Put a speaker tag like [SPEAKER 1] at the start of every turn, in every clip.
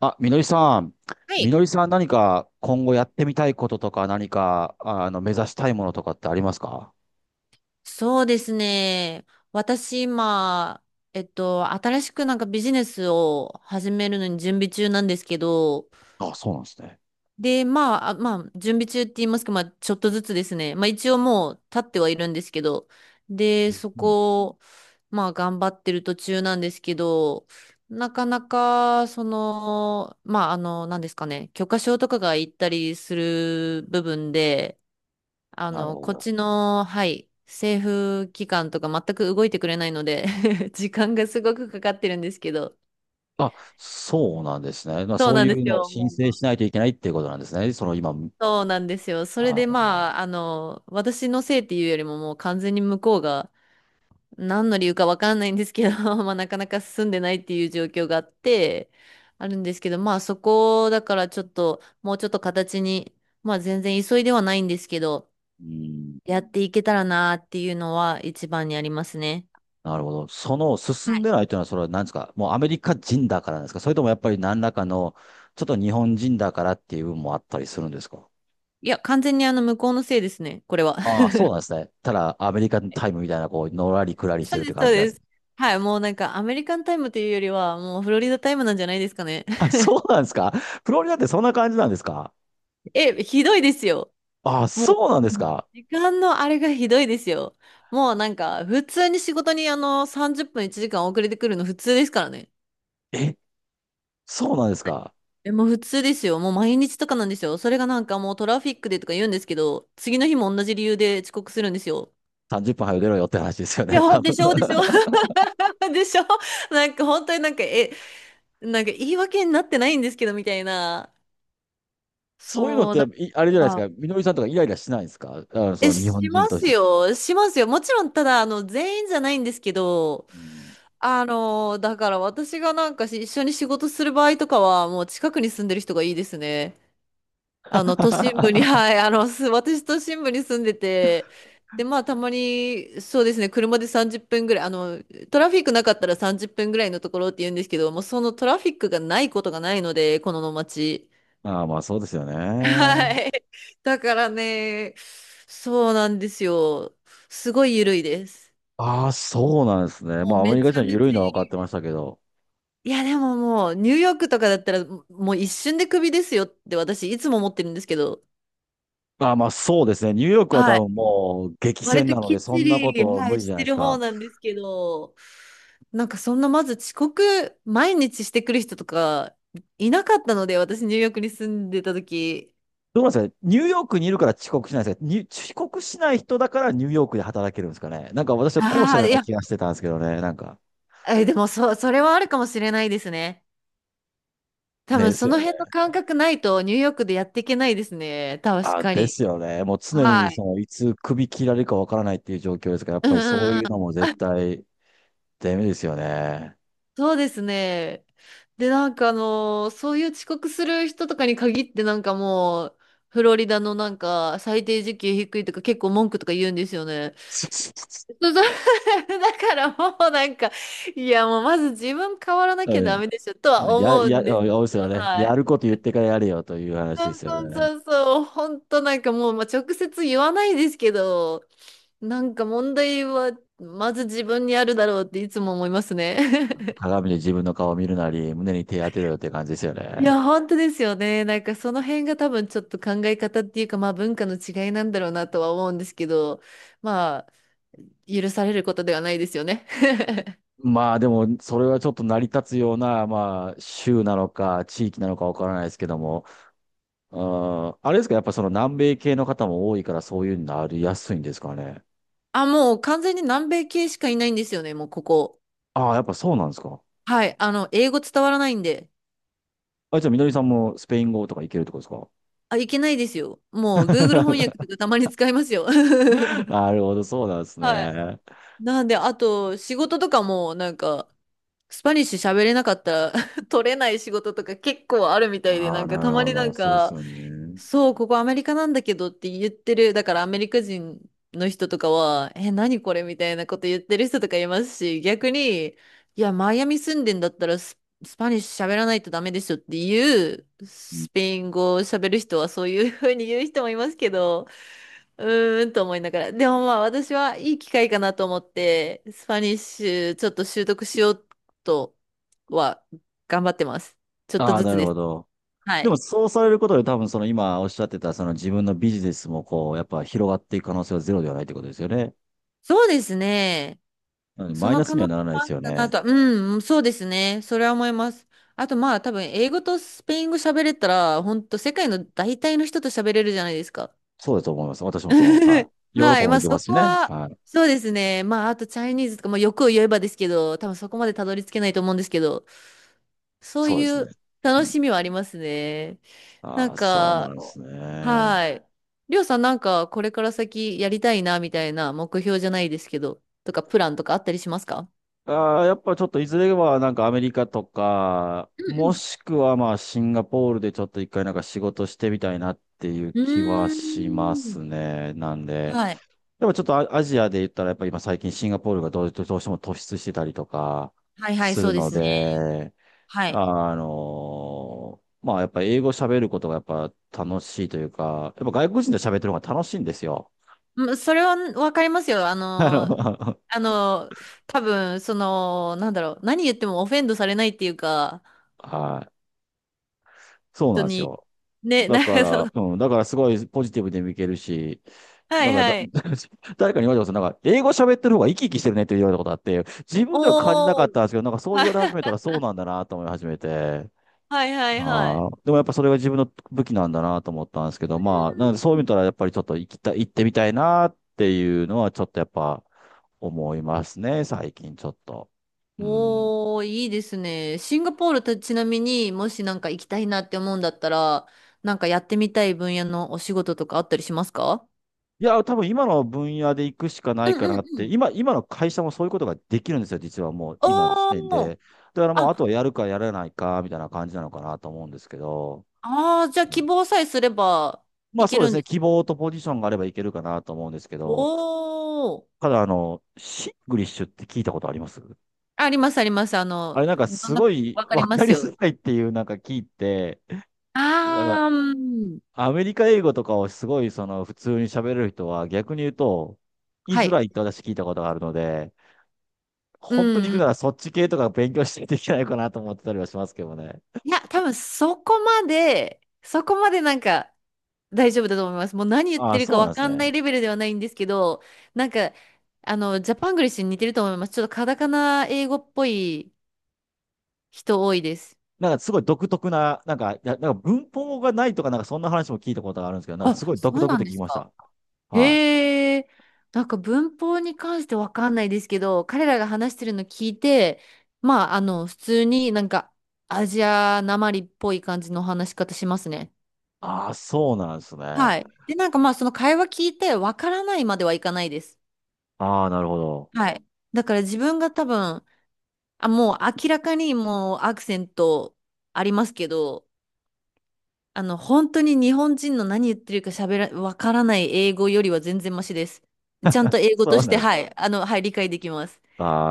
[SPEAKER 1] あ、みのりさん。
[SPEAKER 2] は
[SPEAKER 1] み
[SPEAKER 2] い。
[SPEAKER 1] のりさん何か今後やってみたいこととか何か、目指したいものとかってありますか？
[SPEAKER 2] そうですね。私今、新しくなんかビジネスを始めるのに準備中なんですけど、
[SPEAKER 1] あ、そうなんですね。
[SPEAKER 2] まあ、準備中って言いますか、まあ、ちょっとずつですね。まあ、一応もう立ってはいるんですけど、で、
[SPEAKER 1] う
[SPEAKER 2] そ
[SPEAKER 1] ん、
[SPEAKER 2] こ、まあ、頑張ってる途中なんですけど、なかなか、なんですかね、許可証とかが行ったりする部分で、あ
[SPEAKER 1] なる
[SPEAKER 2] の、
[SPEAKER 1] ほ
[SPEAKER 2] こっ
[SPEAKER 1] ど。
[SPEAKER 2] ちの、はい、政府機関とか全く動いてくれないので 時間がすごくかかってるんですけど。
[SPEAKER 1] あ、そうなんですね。まあ、
[SPEAKER 2] そう
[SPEAKER 1] そう
[SPEAKER 2] な
[SPEAKER 1] い
[SPEAKER 2] んで
[SPEAKER 1] う
[SPEAKER 2] す
[SPEAKER 1] のを
[SPEAKER 2] よ。
[SPEAKER 1] 申
[SPEAKER 2] も
[SPEAKER 1] 請
[SPEAKER 2] う
[SPEAKER 1] しないといけないっていうことなんですね。その今、
[SPEAKER 2] そうなんですよ。それで
[SPEAKER 1] あ、
[SPEAKER 2] まあ、私のせいっていうよりももう完全に向こうが何の理由かわかんないんですけど、まあなかなか進んでないっていう状況があって、あるんですけど、まあそこだからちょっと、もうちょっと形に、まあ全然急いではないんですけど、
[SPEAKER 1] うん、
[SPEAKER 2] やっていけたらなっていうのは一番にありますね。
[SPEAKER 1] なるほど。その進
[SPEAKER 2] は
[SPEAKER 1] んで
[SPEAKER 2] い。
[SPEAKER 1] ないというのは、それは何ですか？もうアメリカ人だからなんですか？それともやっぱり何らかの、ちょっと日本人だからっていう部分もあったりするんですか？
[SPEAKER 2] いや、完全に向こうのせいですね、これは。
[SPEAKER 1] ああ、そうなんですね。ただ、アメリカンタイムみたいな、こう、のらりくらりして
[SPEAKER 2] そう
[SPEAKER 1] るっ
[SPEAKER 2] で
[SPEAKER 1] て
[SPEAKER 2] す、
[SPEAKER 1] 感
[SPEAKER 2] そう
[SPEAKER 1] じなんで
[SPEAKER 2] で
[SPEAKER 1] す。
[SPEAKER 2] す。はい、もうなんかアメリカンタイムというよりは、もうフロリダタイムなんじゃないですかね。
[SPEAKER 1] あ、そうなんですか？フロリダってそんな感じなんですか？
[SPEAKER 2] え、ひどいですよ。
[SPEAKER 1] あ、
[SPEAKER 2] もう、
[SPEAKER 1] そうなんです
[SPEAKER 2] うん
[SPEAKER 1] か？
[SPEAKER 2] 時間のあれがひどいですよ。もうなんか、普通に仕事に30分1時間遅れてくるの普通ですからね。
[SPEAKER 1] え、そうなんですか？
[SPEAKER 2] え、もう普通ですよ。もう毎日とかなんですよ。それがなんかもうトラフィックでとか言うんですけど、次の日も同じ理由で遅刻するんですよ。
[SPEAKER 1] 30 分早く出ろよって話ですよ
[SPEAKER 2] い
[SPEAKER 1] ね。
[SPEAKER 2] や、
[SPEAKER 1] 多
[SPEAKER 2] で
[SPEAKER 1] 分。
[SPEAKER 2] しょ、でし ょ。でしょ。なんか本当になんか、なんか言い訳になってないんですけど、みたいな。
[SPEAKER 1] そういうのっ
[SPEAKER 2] そう、
[SPEAKER 1] て
[SPEAKER 2] だか
[SPEAKER 1] い、あれじゃないです
[SPEAKER 2] ら
[SPEAKER 1] か。みのりさんとかイライラしないんですか？そ
[SPEAKER 2] え、
[SPEAKER 1] う、日本
[SPEAKER 2] し
[SPEAKER 1] 人
[SPEAKER 2] ま
[SPEAKER 1] とし
[SPEAKER 2] す
[SPEAKER 1] て。
[SPEAKER 2] よ。しますよ。もちろん、ただ、全員じゃないんですけど、
[SPEAKER 1] うん。
[SPEAKER 2] だから私がなんか一緒に仕事する場合とかは、もう近くに住んでる人がいいですね。あの、都心部に、
[SPEAKER 1] あ
[SPEAKER 2] はい、私都心部に住んでて、で、まあ、たまに、そうですね、車で30分ぐらい、トラフィックなかったら30分ぐらいのところって言うんですけど、もうそのトラフィックがないことがないので、この街。
[SPEAKER 1] あ、まあそうですよ ね。
[SPEAKER 2] はい。だからね、そうなんですよ。すごい緩いです。
[SPEAKER 1] ああ、そうなんですね。
[SPEAKER 2] もう
[SPEAKER 1] まあアメ
[SPEAKER 2] め
[SPEAKER 1] リカ
[SPEAKER 2] ち
[SPEAKER 1] 人
[SPEAKER 2] ゃ
[SPEAKER 1] は
[SPEAKER 2] め
[SPEAKER 1] 緩い
[SPEAKER 2] ちゃ
[SPEAKER 1] のは分
[SPEAKER 2] 緩
[SPEAKER 1] かっ
[SPEAKER 2] い
[SPEAKER 1] て
[SPEAKER 2] で
[SPEAKER 1] ま
[SPEAKER 2] す。
[SPEAKER 1] したけど。
[SPEAKER 2] いや、でももう、ニューヨークとかだったら、もう一瞬でクビですよって私、いつも思ってるんですけど、
[SPEAKER 1] ああ、まあそうですね。ニューヨークは多
[SPEAKER 2] はい。
[SPEAKER 1] 分もう激
[SPEAKER 2] 割
[SPEAKER 1] 戦
[SPEAKER 2] と
[SPEAKER 1] なの
[SPEAKER 2] き
[SPEAKER 1] で、
[SPEAKER 2] っち
[SPEAKER 1] そんなこ
[SPEAKER 2] り、
[SPEAKER 1] と
[SPEAKER 2] は
[SPEAKER 1] 無
[SPEAKER 2] い、
[SPEAKER 1] 理じ
[SPEAKER 2] し
[SPEAKER 1] ゃない
[SPEAKER 2] て
[SPEAKER 1] です
[SPEAKER 2] る方
[SPEAKER 1] か。
[SPEAKER 2] なんですけど、なんかそんなまず遅刻、毎日してくる人とか、いなかったので、私、ニューヨークに住んでた時。
[SPEAKER 1] どうなんですかね？ニューヨークにいるから遅刻しないんですか？に遅刻しない人だからニューヨークで働けるんですかね？なんか私は後者
[SPEAKER 2] あ
[SPEAKER 1] の
[SPEAKER 2] あ、
[SPEAKER 1] よう
[SPEAKER 2] い
[SPEAKER 1] な
[SPEAKER 2] や、
[SPEAKER 1] 気がしてたんですけどね。なんか。
[SPEAKER 2] え、でも、そ、それはあるかもしれないですね。多分
[SPEAKER 1] です
[SPEAKER 2] そ
[SPEAKER 1] よ。
[SPEAKER 2] の辺の感覚ないとニューヨークでやっていけないですね。確
[SPEAKER 1] あ、
[SPEAKER 2] か
[SPEAKER 1] で
[SPEAKER 2] に。
[SPEAKER 1] すよね。もう常に
[SPEAKER 2] はい。
[SPEAKER 1] そのいつ首切られるかわからないっていう状況ですから、やっ
[SPEAKER 2] う
[SPEAKER 1] ぱ
[SPEAKER 2] ん
[SPEAKER 1] りそう
[SPEAKER 2] うんう
[SPEAKER 1] いうのも
[SPEAKER 2] ん。
[SPEAKER 1] 絶対ダメですよね。
[SPEAKER 2] そうですね。で、なんかあのーそういう遅刻する人とかに限ってなんかもう、フロリダのなんか最低時給低いとか結構文句とか言うんですよね。そうそう だからもうなんか、いやもうまず自分変わらなきゃ
[SPEAKER 1] う
[SPEAKER 2] ダ
[SPEAKER 1] ん。
[SPEAKER 2] メでしょとは
[SPEAKER 1] や、
[SPEAKER 2] 思う
[SPEAKER 1] や、
[SPEAKER 2] んです
[SPEAKER 1] うで
[SPEAKER 2] け
[SPEAKER 1] すよ
[SPEAKER 2] ど、
[SPEAKER 1] ね。
[SPEAKER 2] は
[SPEAKER 1] や
[SPEAKER 2] い。
[SPEAKER 1] ること言ってからやれよという話
[SPEAKER 2] そ
[SPEAKER 1] で
[SPEAKER 2] う
[SPEAKER 1] すよ
[SPEAKER 2] そう
[SPEAKER 1] ね。
[SPEAKER 2] そうそう、本当なんかもう、まあ、直接言わないですけど、なんか問題はまず自分にあるだろうっていつも思いますね。
[SPEAKER 1] 鏡で自分の顔を見るなり、胸に手当てろよって感じですよ
[SPEAKER 2] い
[SPEAKER 1] ね。
[SPEAKER 2] や、本当ですよね。なんかその辺が多分ちょっと考え方っていうか、まあ文化の違いなんだろうなとは思うんですけど、まあ許されることではないですよね。
[SPEAKER 1] まあでも、それはちょっと成り立つような、まあ、州なのか、地域なのかわからないですけども、うん、あれですか、やっぱその南米系の方も多いから、そういうのなりやすいんですかね。
[SPEAKER 2] あ、もう完全に南米系しかいないんですよね、もうここ。
[SPEAKER 1] ああ、やっぱそうなんですか。
[SPEAKER 2] はい。あの、英語伝わらないんで。
[SPEAKER 1] あ、じゃあ、みのりさんもスペイン語とかいけるってこと
[SPEAKER 2] あ、いけないですよ。
[SPEAKER 1] で
[SPEAKER 2] も
[SPEAKER 1] す
[SPEAKER 2] う Google 翻
[SPEAKER 1] か？
[SPEAKER 2] 訳とかたまに使いますよ。
[SPEAKER 1] なるほど、そうなんです
[SPEAKER 2] はい。
[SPEAKER 1] ね。
[SPEAKER 2] なんで、あと仕事とかもなんか、スパニッシュ喋れなかったら 取れない仕事とか結構あるみたいで、
[SPEAKER 1] あ
[SPEAKER 2] な
[SPEAKER 1] あ、
[SPEAKER 2] んか
[SPEAKER 1] な
[SPEAKER 2] た
[SPEAKER 1] る
[SPEAKER 2] ま
[SPEAKER 1] ほ
[SPEAKER 2] にな
[SPEAKER 1] ど、
[SPEAKER 2] ん
[SPEAKER 1] そうっす
[SPEAKER 2] か、
[SPEAKER 1] よね。
[SPEAKER 2] そう、ここアメリカなんだけどって言ってる、だからアメリカ人の人とかは、何これみたいなこと言ってる人とかいますし、逆に、いや、マイアミ住んでんだったらス、スパニッシュ喋らないとダメでしょっていう、スペイン語を喋る人はそういうふうに言う人もいますけど、うーんと思いながら。でもまあ私はいい機会かなと思って、スパニッシュちょっと習得しようとは頑張ってます。ちょっと
[SPEAKER 1] ああ、
[SPEAKER 2] ず
[SPEAKER 1] な
[SPEAKER 2] つ
[SPEAKER 1] る
[SPEAKER 2] で
[SPEAKER 1] ほ
[SPEAKER 2] す。
[SPEAKER 1] ど。
[SPEAKER 2] は
[SPEAKER 1] でも、
[SPEAKER 2] い。
[SPEAKER 1] そうされることで、多分、その今おっしゃってた、その自分のビジネスも、こう、やっぱ広がっていく可能性はゼロではないってことですよね。
[SPEAKER 2] そうですね。
[SPEAKER 1] なので
[SPEAKER 2] そ
[SPEAKER 1] マイ
[SPEAKER 2] の
[SPEAKER 1] ナス
[SPEAKER 2] 可
[SPEAKER 1] には
[SPEAKER 2] 能性
[SPEAKER 1] ならない
[SPEAKER 2] も
[SPEAKER 1] で
[SPEAKER 2] あ
[SPEAKER 1] す
[SPEAKER 2] る
[SPEAKER 1] よ
[SPEAKER 2] かな
[SPEAKER 1] ね。
[SPEAKER 2] と。うん、そうですね。それは思います。あとまあ多分英語とスペイン語喋れたら、本当世界の大体の人と喋れるじゃないですか。
[SPEAKER 1] そうだと思います。私もその、は い。ヨーロッ
[SPEAKER 2] は
[SPEAKER 1] パ
[SPEAKER 2] い。
[SPEAKER 1] も
[SPEAKER 2] まあ
[SPEAKER 1] 行けま
[SPEAKER 2] そ
[SPEAKER 1] すし
[SPEAKER 2] こ
[SPEAKER 1] ね。
[SPEAKER 2] は、
[SPEAKER 1] はい。
[SPEAKER 2] そうですね。まああとチャイニーズとか、まあ欲を言えばですけど、多分そこまでたどり着けないと思うんですけど。そう
[SPEAKER 1] そうです
[SPEAKER 2] い
[SPEAKER 1] ね。
[SPEAKER 2] う
[SPEAKER 1] う
[SPEAKER 2] 楽
[SPEAKER 1] ん、
[SPEAKER 2] しみはありますね。な
[SPEAKER 1] あ
[SPEAKER 2] ん
[SPEAKER 1] あ、そうな
[SPEAKER 2] か、
[SPEAKER 1] んですね。
[SPEAKER 2] はい。りょうさんなんかこれから先やりたいなみたいな目標じゃないですけど、とかプランとかあったりしますか？
[SPEAKER 1] ああ、やっぱちょっといずれはなんかアメリカとか、
[SPEAKER 2] うう
[SPEAKER 1] も
[SPEAKER 2] ん。
[SPEAKER 1] しくはまあシンガポールでちょっと一回なんか仕事してみたいなっていう
[SPEAKER 2] う
[SPEAKER 1] 気は
[SPEAKER 2] ん。う
[SPEAKER 1] しま
[SPEAKER 2] ー
[SPEAKER 1] す
[SPEAKER 2] ん。
[SPEAKER 1] ね。なんで。
[SPEAKER 2] はい。
[SPEAKER 1] でもちょっとア、アジアで言ったらやっぱ今最近シンガポールがどうしても突出してたりとか
[SPEAKER 2] はいはい、
[SPEAKER 1] す
[SPEAKER 2] そ
[SPEAKER 1] る
[SPEAKER 2] うで
[SPEAKER 1] の
[SPEAKER 2] すね。
[SPEAKER 1] で、
[SPEAKER 2] はい。
[SPEAKER 1] あのーまあ、やっぱ英語喋ることがやっぱ楽しいというか、やっぱ外国人と喋ってる方が楽しいんですよ。
[SPEAKER 2] うんそれはわかりますよ。あ
[SPEAKER 1] あ
[SPEAKER 2] の、
[SPEAKER 1] の、
[SPEAKER 2] あの、多分、なんだろう、何言ってもオフェンドされないっていうか、
[SPEAKER 1] はい。そう
[SPEAKER 2] 本
[SPEAKER 1] なんで
[SPEAKER 2] 当
[SPEAKER 1] す
[SPEAKER 2] に、
[SPEAKER 1] よ。
[SPEAKER 2] ね、
[SPEAKER 1] だから、うん、だからすごいポジティブで見けるし、
[SPEAKER 2] は
[SPEAKER 1] だ
[SPEAKER 2] い
[SPEAKER 1] からだ、
[SPEAKER 2] はい。
[SPEAKER 1] 誰かに言われたことなんか、英語喋ってる方が生き生きしてるねって言われたことあって、自分では感じなか
[SPEAKER 2] お
[SPEAKER 1] っ
[SPEAKER 2] ー、
[SPEAKER 1] たんですけど、なんかそう言
[SPEAKER 2] は
[SPEAKER 1] わ
[SPEAKER 2] い
[SPEAKER 1] れ始めたらそうなんだなと思い始めて、
[SPEAKER 2] はいはいはい。
[SPEAKER 1] ああ、でもやっぱそれが自分の武器なんだなと思ったんですけど、まあ、なのでそう見たらやっぱりちょっと行きたい、行ってみたいなっていうのはちょっとやっぱ思いますね、最近ちょっと。うん。
[SPEAKER 2] おー、いいですね。シンガポールとちなみにもしなんか行きたいなって思うんだったら、なんかやってみたい分野のお仕事とかあったりしますか？
[SPEAKER 1] いや、多分今の分野で行くしかな
[SPEAKER 2] う
[SPEAKER 1] い
[SPEAKER 2] ん
[SPEAKER 1] か
[SPEAKER 2] うん
[SPEAKER 1] なっ
[SPEAKER 2] う
[SPEAKER 1] て、
[SPEAKER 2] ん。
[SPEAKER 1] 今、今の会社もそういうことができるんですよ、実はもう今の時点
[SPEAKER 2] おー、
[SPEAKER 1] で。だからもうあと
[SPEAKER 2] あ、
[SPEAKER 1] はやるかやらないかみたいな感じなのかなと思うんですけど。
[SPEAKER 2] あー、じゃあ
[SPEAKER 1] う
[SPEAKER 2] 希
[SPEAKER 1] ん、
[SPEAKER 2] 望さえすれば
[SPEAKER 1] ま
[SPEAKER 2] い
[SPEAKER 1] あ
[SPEAKER 2] け
[SPEAKER 1] そうで
[SPEAKER 2] る
[SPEAKER 1] す
[SPEAKER 2] ん
[SPEAKER 1] ね、
[SPEAKER 2] です。
[SPEAKER 1] 希望とポジションがあればいけるかなと思うんですけ
[SPEAKER 2] お
[SPEAKER 1] ど、
[SPEAKER 2] ー、
[SPEAKER 1] ただシングリッシュって聞いたことあります？
[SPEAKER 2] ありますあります。あ
[SPEAKER 1] あ
[SPEAKER 2] の、
[SPEAKER 1] れなんか
[SPEAKER 2] どん
[SPEAKER 1] す
[SPEAKER 2] な、
[SPEAKER 1] ごい
[SPEAKER 2] わかり
[SPEAKER 1] 分
[SPEAKER 2] ま
[SPEAKER 1] か
[SPEAKER 2] す
[SPEAKER 1] り
[SPEAKER 2] よ。
[SPEAKER 1] づらいっていうなんか聞いて、なんか
[SPEAKER 2] あー、うん。
[SPEAKER 1] アメリカ英語とかをすごいその普通に喋れる人は逆に言うと、言い
[SPEAKER 2] は
[SPEAKER 1] づ
[SPEAKER 2] い。
[SPEAKER 1] らいって私聞いたことがあるので、
[SPEAKER 2] う
[SPEAKER 1] 本当に行
[SPEAKER 2] んう
[SPEAKER 1] く
[SPEAKER 2] ん。
[SPEAKER 1] ならそっち系とか勉強していといけないかなと思ってたりはしますけどね。
[SPEAKER 2] いや、多分そこまでなんか、大丈夫だと思います。もう何言っ
[SPEAKER 1] あ
[SPEAKER 2] て
[SPEAKER 1] あ、
[SPEAKER 2] る
[SPEAKER 1] そ
[SPEAKER 2] か
[SPEAKER 1] うなん
[SPEAKER 2] わ
[SPEAKER 1] です
[SPEAKER 2] かんない
[SPEAKER 1] ね。
[SPEAKER 2] レベルではないんですけど、なんか、あの、ジャパングリッシュに似てると思います。ちょっとカタカナ英語っぽい人多いです。
[SPEAKER 1] なんかすごい独特な、なんか、いやなんか文法がないとかなんかそんな話も聞いたことがあるんですけど、なんかす
[SPEAKER 2] あ、
[SPEAKER 1] ごい
[SPEAKER 2] そ
[SPEAKER 1] 独
[SPEAKER 2] う
[SPEAKER 1] 特っ
[SPEAKER 2] な
[SPEAKER 1] て
[SPEAKER 2] ん
[SPEAKER 1] 聞
[SPEAKER 2] で
[SPEAKER 1] き
[SPEAKER 2] す
[SPEAKER 1] まし
[SPEAKER 2] か。
[SPEAKER 1] た。はい。
[SPEAKER 2] へえ、なんか文法に関してわかんないですけど、彼らが話してるの聞いて、普通になんかアジアなまりっぽい感じの話し方しますね。
[SPEAKER 1] ああ、そうなんですね。
[SPEAKER 2] はい。で、なんかまあ、その会話聞いてわからないまではいかないです。
[SPEAKER 1] ああ、なるほど。
[SPEAKER 2] はい。だから自分が多分、あ、もう明らかにもうアクセントありますけど、あの、本当に日本人の何言ってるか喋ら、わからない英語よりは全然マシです。ちゃんと英語と
[SPEAKER 1] そう
[SPEAKER 2] し
[SPEAKER 1] な
[SPEAKER 2] て、
[SPEAKER 1] んですね。
[SPEAKER 2] はい、あの、はい、理解できます。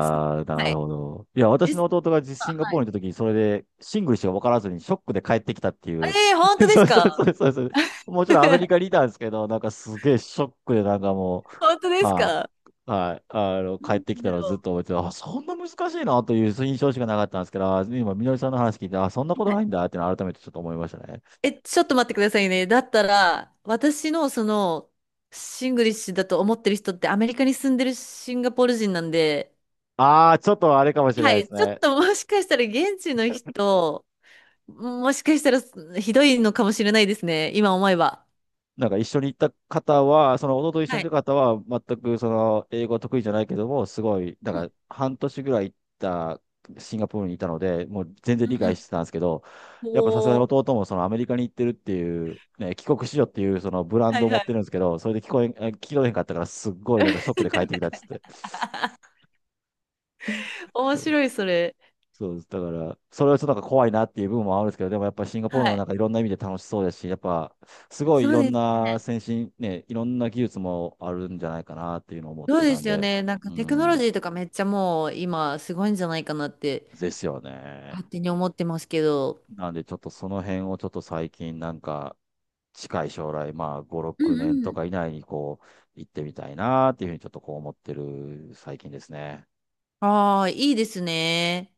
[SPEAKER 2] す
[SPEAKER 1] あ、な
[SPEAKER 2] は
[SPEAKER 1] る
[SPEAKER 2] い。
[SPEAKER 1] ほど。いや、私
[SPEAKER 2] です。
[SPEAKER 1] の弟がシンガ
[SPEAKER 2] は
[SPEAKER 1] ポー
[SPEAKER 2] い。
[SPEAKER 1] ルに行った時に、それでシングルしか分からずにショックで帰ってきたっていう。
[SPEAKER 2] ええー本当 で
[SPEAKER 1] そ
[SPEAKER 2] す
[SPEAKER 1] うそうそ
[SPEAKER 2] か？
[SPEAKER 1] うそうそう。もちろんアメリカ にいたんですけど、なんかすげえショックでなんかも
[SPEAKER 2] 本当
[SPEAKER 1] う、
[SPEAKER 2] です
[SPEAKER 1] は
[SPEAKER 2] か？
[SPEAKER 1] い、はい、帰って
[SPEAKER 2] な
[SPEAKER 1] き
[SPEAKER 2] ん
[SPEAKER 1] た
[SPEAKER 2] だ
[SPEAKER 1] のをずっ
[SPEAKER 2] ろ
[SPEAKER 1] と思ってて、あ、そんな難しいなという印象しかなかったんですけど、あ今、みのりさんの話聞いて、あ、そんなこ
[SPEAKER 2] う。
[SPEAKER 1] と
[SPEAKER 2] は
[SPEAKER 1] な
[SPEAKER 2] い。
[SPEAKER 1] いんだっていうのを改めてちょっと思いましたね。
[SPEAKER 2] え、ちょっと待ってくださいね。だったら、私のその、シングリッシュだと思ってる人ってアメリカに住んでるシンガポール人なんで、
[SPEAKER 1] ああ、ちょっとあれかもしれ
[SPEAKER 2] は
[SPEAKER 1] ないです
[SPEAKER 2] い、ちょっ
[SPEAKER 1] ね。
[SPEAKER 2] ともしかしたら現地の人、もしかしたらひどいのかもしれないですね、今思えば。
[SPEAKER 1] なんか一緒に行った方は、その弟と一緒
[SPEAKER 2] は
[SPEAKER 1] に行
[SPEAKER 2] い。
[SPEAKER 1] った方は、全くその英語は得意じゃないけども、すごい、な
[SPEAKER 2] う
[SPEAKER 1] ん
[SPEAKER 2] ん、
[SPEAKER 1] か半年ぐらい行ったシンガポールにいたので、もう全然
[SPEAKER 2] う
[SPEAKER 1] 理
[SPEAKER 2] ん、う
[SPEAKER 1] 解し
[SPEAKER 2] ん。
[SPEAKER 1] てたんですけど、やっぱさすがに
[SPEAKER 2] おー、
[SPEAKER 1] 弟もそのアメリカに行ってるっていう、ね、帰国子女っていうそのブラン
[SPEAKER 2] は
[SPEAKER 1] ド
[SPEAKER 2] い
[SPEAKER 1] を持
[SPEAKER 2] は
[SPEAKER 1] って
[SPEAKER 2] い。
[SPEAKER 1] るんですけど、それで聞こえん、え聞き取れへんかったから、すっごいなんかショッ クで帰ってきたっつって。
[SPEAKER 2] 面白い、それ。
[SPEAKER 1] そうです。だから、それはちょっとなんか怖いなっていう部分もあるんですけど、でもやっぱシンガポー
[SPEAKER 2] は
[SPEAKER 1] ルのな
[SPEAKER 2] い。
[SPEAKER 1] んかいろんな意味で楽しそうですし、やっぱすごい
[SPEAKER 2] そ
[SPEAKER 1] い
[SPEAKER 2] う
[SPEAKER 1] ろん
[SPEAKER 2] です
[SPEAKER 1] な
[SPEAKER 2] ね。
[SPEAKER 1] 先進、ね、いろんな技術もあるんじゃないかなっていうのを思っ
[SPEAKER 2] そう
[SPEAKER 1] て
[SPEAKER 2] で
[SPEAKER 1] たん
[SPEAKER 2] すよ
[SPEAKER 1] で、
[SPEAKER 2] ね。なんか
[SPEAKER 1] う
[SPEAKER 2] テクノロジ
[SPEAKER 1] ん、
[SPEAKER 2] ーとかめっちゃもう今すごいんじゃないかなって
[SPEAKER 1] ですよね。
[SPEAKER 2] 勝手に思ってますけど。
[SPEAKER 1] なんでちょっとその辺をちょっと最近なんか近い将来、まあ5、
[SPEAKER 2] う
[SPEAKER 1] 6年
[SPEAKER 2] ん
[SPEAKER 1] と
[SPEAKER 2] うん。
[SPEAKER 1] か以内にこう行ってみたいなっていうふうにちょっとこう思ってる最近ですね。
[SPEAKER 2] ああ、いいですね。